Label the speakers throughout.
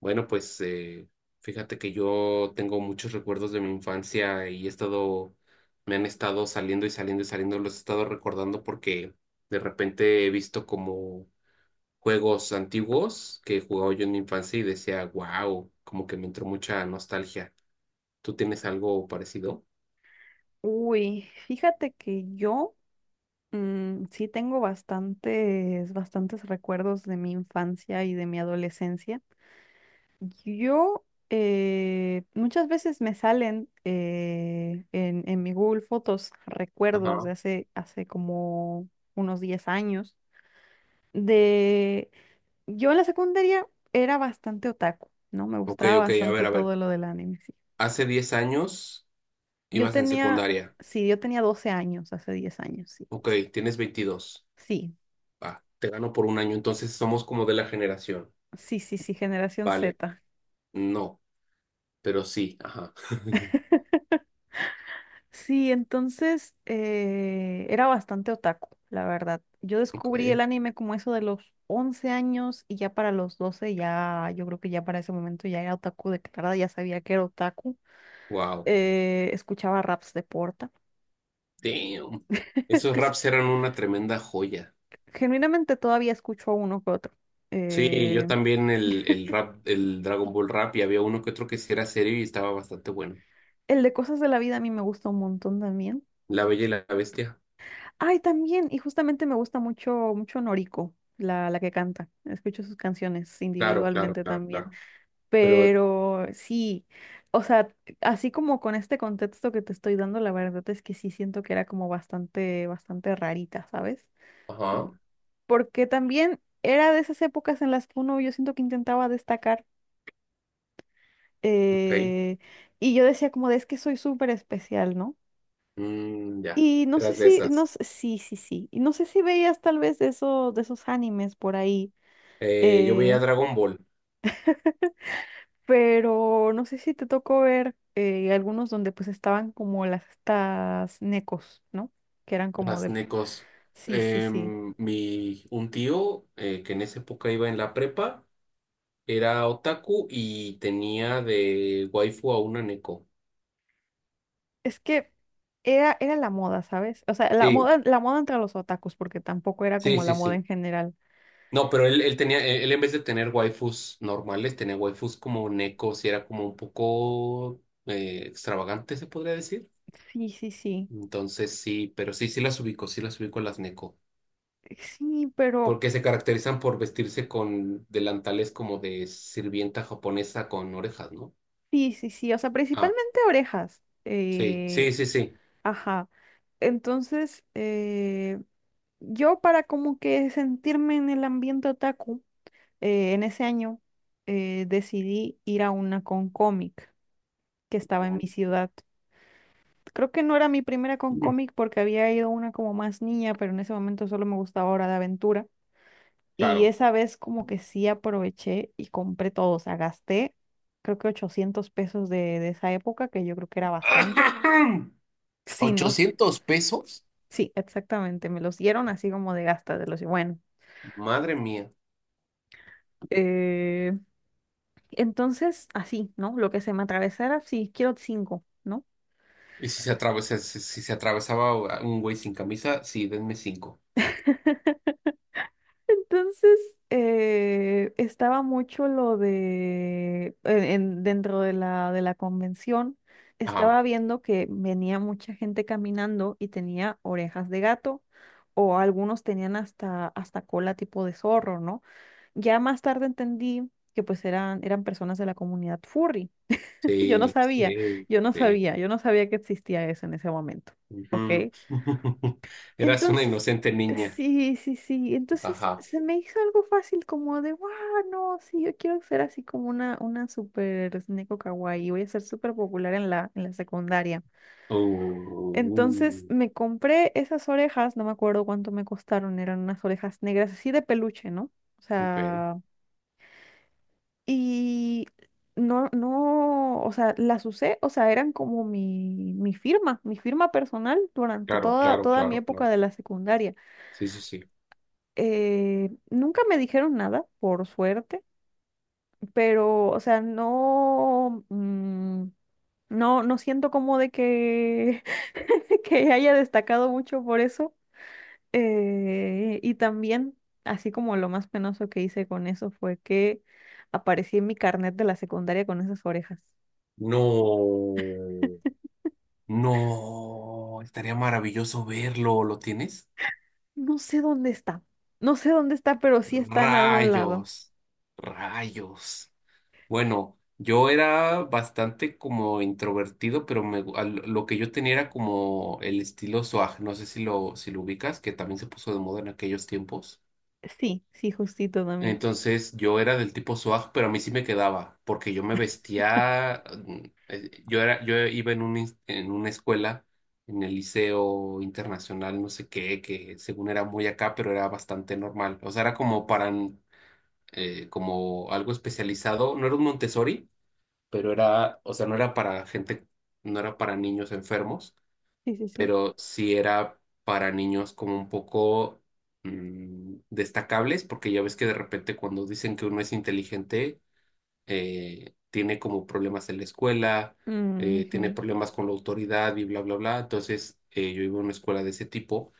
Speaker 1: Bueno, pues fíjate que yo tengo muchos recuerdos de mi infancia y me han estado saliendo y saliendo y saliendo, los he estado recordando porque de repente he visto como juegos antiguos que jugaba yo en mi infancia y decía, wow, como que me entró mucha nostalgia. ¿Tú tienes algo parecido?
Speaker 2: Uy, fíjate que yo sí tengo bastantes recuerdos de mi infancia y de mi adolescencia. Yo Muchas veces me salen en mi Google Fotos recuerdos
Speaker 1: Ajá.
Speaker 2: de hace como unos 10 años. De Yo en la secundaria era bastante otaku, ¿no? Me
Speaker 1: Ok,
Speaker 2: gustaba
Speaker 1: ok, a
Speaker 2: bastante
Speaker 1: ver, a ver.
Speaker 2: todo lo del anime, sí.
Speaker 1: Hace 10 años
Speaker 2: Yo
Speaker 1: ibas en
Speaker 2: tenía,
Speaker 1: secundaria.
Speaker 2: sí, yo tenía 12 años, hace 10 años, sí.
Speaker 1: Ok, tienes 22.
Speaker 2: Sí,
Speaker 1: Va, te gano por un año, entonces somos como de la generación.
Speaker 2: sí, sí, sí, generación
Speaker 1: Vale.
Speaker 2: Z.
Speaker 1: No, pero sí, ajá.
Speaker 2: Sí, entonces era bastante otaku, la verdad. Yo
Speaker 1: Ok,
Speaker 2: descubrí el anime como eso de los 11 años y ya para los 12 ya, yo creo que ya para ese momento ya era otaku declarada, ya sabía que era otaku.
Speaker 1: wow,
Speaker 2: Escuchaba raps de Porta.
Speaker 1: damn. Esos
Speaker 2: Escucha-
Speaker 1: raps eran una tremenda joya.
Speaker 2: Genuinamente todavía escucho a uno que otro.
Speaker 1: Sí, yo
Speaker 2: Eh,
Speaker 1: también el, el rap, el Dragon Ball rap, y había uno que otro que sí era serio y estaba bastante bueno.
Speaker 2: el de cosas de la vida a mí me gusta un montón también.
Speaker 1: La Bella y la Bestia.
Speaker 2: Ay, también, y justamente me gusta mucho, mucho Noriko, la que canta. Escucho sus canciones
Speaker 1: Claro, claro,
Speaker 2: individualmente
Speaker 1: claro,
Speaker 2: también.
Speaker 1: claro. Pero,
Speaker 2: Pero sí, o sea, así como con este contexto que te estoy dando, la verdad es que sí siento que era como bastante, bastante rarita, ¿sabes?
Speaker 1: ajá,
Speaker 2: Porque también era de esas épocas en las que uno, yo siento que intentaba destacar,
Speaker 1: ok.
Speaker 2: eh, y yo decía como de es que soy súper especial, ¿no?
Speaker 1: Mm, ya,
Speaker 2: Y no sé
Speaker 1: eras de
Speaker 2: si, no,
Speaker 1: esas.
Speaker 2: sí, sí, sí. Y no sé si veías tal vez de de esos animes por ahí,
Speaker 1: Yo veía
Speaker 2: eh,
Speaker 1: Dragon Ball,
Speaker 2: pero no sé si te tocó ver algunos donde pues estaban como las estas necos, ¿no? Que eran como
Speaker 1: las
Speaker 2: de...
Speaker 1: necos.
Speaker 2: Sí, sí, sí.
Speaker 1: Un tío que en esa época iba en la prepa. Era otaku y tenía de waifu a una neko.
Speaker 2: Es que era la moda, ¿sabes? O sea,
Speaker 1: Sí,
Speaker 2: la moda entre los otakus, porque tampoco era
Speaker 1: sí,
Speaker 2: como la
Speaker 1: sí,
Speaker 2: moda
Speaker 1: sí.
Speaker 2: en general.
Speaker 1: No, pero él tenía, él en vez de tener waifus normales, tenía waifus como nekos y era como un poco extravagante, se podría decir.
Speaker 2: Sí, sí, sí.
Speaker 1: Entonces sí, pero sí, sí las ubico a las neko.
Speaker 2: Sí, pero...
Speaker 1: Porque se caracterizan por vestirse con delantales como de sirvienta japonesa con orejas, ¿no?
Speaker 2: Sí, sí, sí. O sea,
Speaker 1: Ah,
Speaker 2: principalmente orejas.
Speaker 1: sí, sí, sí, sí.
Speaker 2: Ajá. Entonces, yo para como que sentirme en el ambiente otaku, en ese año decidí ir a una con cómic que estaba en mi ciudad. Creo que no era mi primera con cómic porque había ido a una como más niña, pero en ese momento solo me gustaba Hora de Aventura. Y
Speaker 1: Claro.
Speaker 2: esa vez como que sí aproveché y compré todo, o sea, gasté creo que 800 pesos de esa época, que yo creo que era bastante. Sí, no,
Speaker 1: ¿Ochocientos pesos?
Speaker 2: sí, exactamente, me los dieron así como de gasta, de los, bueno.
Speaker 1: Madre mía.
Speaker 2: eh, entonces, así, ¿no? Lo que se me atravesara, sí, quiero cinco, ¿no?
Speaker 1: Y si se atravesaba un güey sin camisa, sí, denme cinco.
Speaker 2: Entonces, estaba mucho lo de, dentro de de la convención,
Speaker 1: Ajá.
Speaker 2: estaba viendo que venía mucha gente caminando y tenía orejas de gato, o algunos tenían hasta cola tipo de zorro, ¿no? Ya más tarde entendí que pues eran personas de la comunidad furry. Yo no
Speaker 1: Sí,
Speaker 2: sabía,
Speaker 1: sí, sí.
Speaker 2: yo no sabía que existía eso en ese momento, ¿ok?
Speaker 1: Ujú. Eras una
Speaker 2: Entonces,
Speaker 1: inocente niña.
Speaker 2: sí, sí, sí. Entonces
Speaker 1: Ajá.
Speaker 2: se me hizo algo fácil como de, wow, no, sí, yo quiero ser así como una super neko kawaii, voy a ser súper popular en en la secundaria. Entonces
Speaker 1: Uh,
Speaker 2: me compré esas orejas, no me acuerdo cuánto me costaron, eran unas orejas negras así de peluche, ¿no? O
Speaker 1: ok.
Speaker 2: sea, y no, o sea, las usé, o sea, eran como mi firma personal durante
Speaker 1: Claro, claro,
Speaker 2: toda mi
Speaker 1: claro,
Speaker 2: época
Speaker 1: claro.
Speaker 2: de la secundaria.
Speaker 1: Sí, sí, sí.
Speaker 2: Nunca me dijeron nada, por suerte, pero, o sea, no, mm, no siento como de que que haya destacado mucho por eso. Y también, así como lo más penoso que hice con eso fue que aparecí en mi carnet de la secundaria con esas orejas.
Speaker 1: No, no. Estaría maravilloso verlo. ¿Lo tienes?
Speaker 2: No sé dónde está, no sé dónde está, pero sí está en algún lado.
Speaker 1: Rayos, rayos. Bueno, yo era bastante como introvertido, pero lo que yo tenía era como el estilo swag, no sé si lo, si lo ubicas, que también se puso de moda en aquellos tiempos.
Speaker 2: Sí, sí, justito también.
Speaker 1: Entonces yo era del tipo swag, pero a mí sí me quedaba, porque yo me vestía, yo iba en en una escuela, en el liceo internacional, no sé qué, que según era muy acá, pero era bastante normal. O sea, era como para, como algo especializado, no era un Montessori pero era, o sea, no era para gente, no era para niños enfermos,
Speaker 2: Sí, sí, sí.
Speaker 1: pero sí era para niños como un poco destacables, porque ya ves que de repente cuando dicen que uno es inteligente, tiene como problemas en la escuela, tiene
Speaker 2: Ujú.
Speaker 1: problemas con la autoridad y bla, bla, bla. Entonces, yo iba a una escuela de ese tipo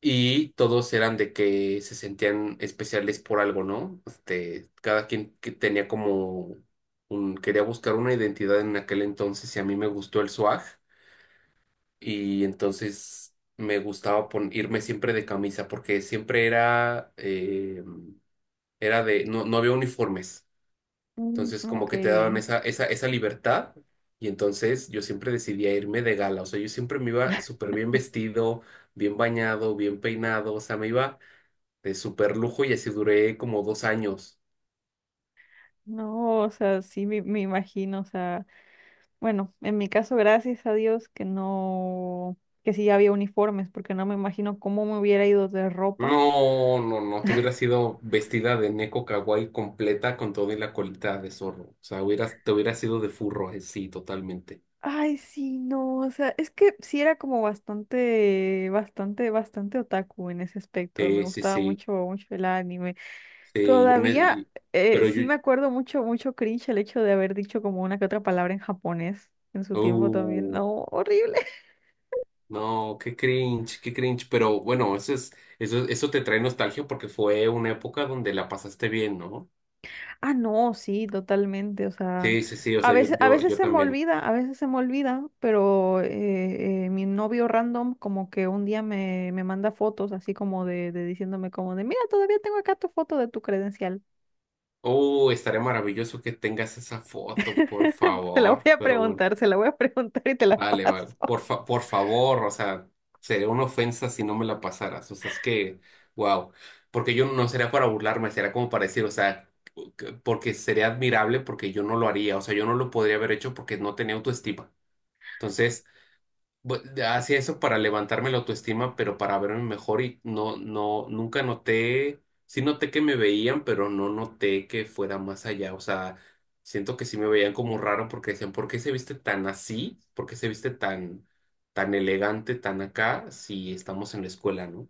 Speaker 1: y todos eran de que se sentían especiales por algo, ¿no? Este, cada quien que tenía como quería buscar una identidad en aquel entonces y a mí me gustó el swag y entonces me gustaba irme siempre de camisa porque siempre era, era de, no, no había uniformes,
Speaker 2: Mm,
Speaker 1: entonces como
Speaker 2: ok.
Speaker 1: que te daban esa libertad y entonces yo siempre decidía irme de gala, o sea, yo siempre me iba súper bien vestido, bien bañado, bien peinado, o sea, me iba de súper lujo y así duré como 2 años.
Speaker 2: No, o sea, sí me imagino, o sea, bueno, en mi caso, gracias a Dios que no, que sí había uniformes, porque no me imagino cómo me hubiera ido de ropa.
Speaker 1: No, no, no, te hubieras sido vestida de Neko Kawaii completa con todo y la colita de zorro. O sea, hubieras, te hubieras sido de furro, sí, totalmente.
Speaker 2: Ay, sí, no, o sea, es que sí era como bastante, bastante, bastante otaku en ese aspecto. Me
Speaker 1: Sí, sí,
Speaker 2: gustaba
Speaker 1: sí,
Speaker 2: mucho, mucho el anime.
Speaker 1: sí, yo, ne-
Speaker 2: Todavía
Speaker 1: y- pero
Speaker 2: sí
Speaker 1: yo,
Speaker 2: me acuerdo mucho, mucho cringe el hecho de haber dicho como una que otra palabra en japonés en su tiempo también.
Speaker 1: uh,
Speaker 2: No, horrible.
Speaker 1: no, qué cringe, pero bueno, eso te trae nostalgia porque fue una época donde la pasaste bien, ¿no?
Speaker 2: Ah, no, sí, totalmente. O sea,
Speaker 1: Sí, sí, sí, o sea, yo,
Speaker 2: a
Speaker 1: yo,
Speaker 2: veces
Speaker 1: yo
Speaker 2: se me
Speaker 1: también.
Speaker 2: olvida, a veces se me olvida, pero mi novio random como que un día me manda fotos así como de diciéndome como de, mira, todavía tengo acá tu foto de tu credencial.
Speaker 1: Oh, estaría maravilloso que tengas esa foto, por favor, pero bueno.
Speaker 2: Se la voy a preguntar y te la
Speaker 1: Vale, vale.
Speaker 2: paso.
Speaker 1: Por favor, o sea, sería una ofensa si no me la pasaras. O sea, es que, wow. Porque yo no sería para burlarme, sería como para decir, o sea, porque sería admirable porque yo no lo haría. O sea, yo no lo podría haber hecho porque no tenía autoestima. Entonces, hacía eso para levantarme la autoestima, pero para verme mejor y no, no, nunca noté, sí noté que me veían, pero no noté que fuera más allá. O sea, siento que sí me veían como raro porque decían, ¿por qué se viste tan así? ¿Por qué se viste tan, tan elegante, tan acá, si estamos en la escuela, ¿no?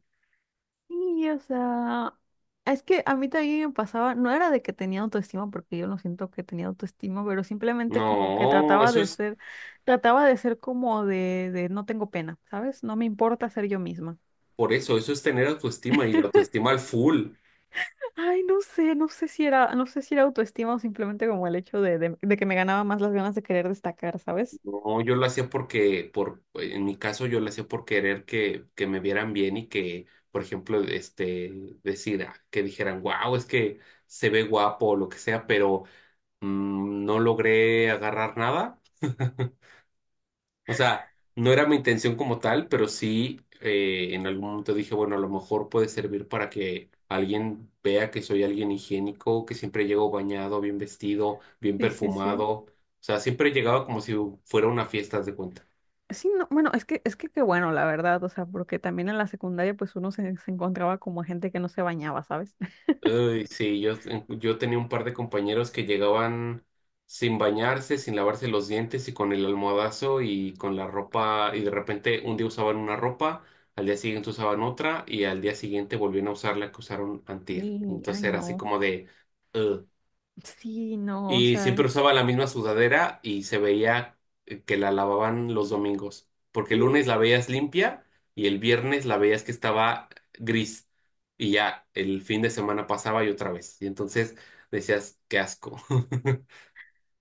Speaker 2: Sí, o sea, es que a mí también me pasaba, no era de que tenía autoestima, porque yo no siento que tenía autoestima, pero simplemente como que
Speaker 1: No, eso es
Speaker 2: trataba de ser como de no tengo pena, ¿sabes? No me importa ser yo misma.
Speaker 1: por eso, eso es tener autoestima y la autoestima al full.
Speaker 2: Ay, no sé, no sé si era, no sé si era autoestima o simplemente como el hecho de que me ganaba más las ganas de querer destacar, ¿sabes?
Speaker 1: No, yo lo hacía en mi caso, yo lo hacía por querer que me vieran bien y que, por ejemplo, este, decir, ah, que dijeran, wow, es que se ve guapo o lo que sea, pero no logré agarrar nada. O sea, no era mi intención como tal, pero sí en algún momento dije, bueno, a lo mejor puede servir para que alguien vea que soy alguien higiénico, que siempre llego bañado, bien vestido, bien
Speaker 2: Sí, sí,
Speaker 1: perfumado.
Speaker 2: sí.
Speaker 1: O sea, siempre llegaba como si fuera una fiesta, haz de cuenta.
Speaker 2: Sí, no, bueno, es que qué bueno, la verdad, o sea, porque también en la secundaria pues uno se encontraba como gente que no se bañaba, ¿sabes?
Speaker 1: Uy, sí, yo tenía un par de compañeros que llegaban sin bañarse, sin lavarse los dientes y con el almohadazo y con la ropa y de repente un día usaban una ropa, al día siguiente usaban otra y al día siguiente volvían a usar la que usaron antier.
Speaker 2: Y, ay,
Speaker 1: Entonces era así
Speaker 2: no.
Speaker 1: como de... "Ugh".
Speaker 2: Sí, no, o
Speaker 1: Y
Speaker 2: sea,
Speaker 1: siempre usaba la misma sudadera y se veía que la lavaban los domingos, porque el lunes la
Speaker 2: mm,
Speaker 1: veías limpia y el viernes la veías que estaba gris y ya el fin de semana pasaba y otra vez. Y entonces decías, qué asco.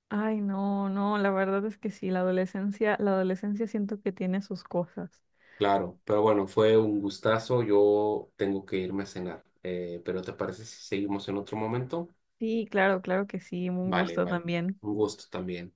Speaker 2: ay, no, no, la verdad es que sí, la adolescencia siento que tiene sus cosas.
Speaker 1: Claro, pero bueno, fue un gustazo. Yo tengo que irme a cenar, pero ¿te parece si seguimos en otro momento?
Speaker 2: Sí, claro, claro que sí, un
Speaker 1: Vale,
Speaker 2: gusto
Speaker 1: vale.
Speaker 2: también.
Speaker 1: Un gusto también.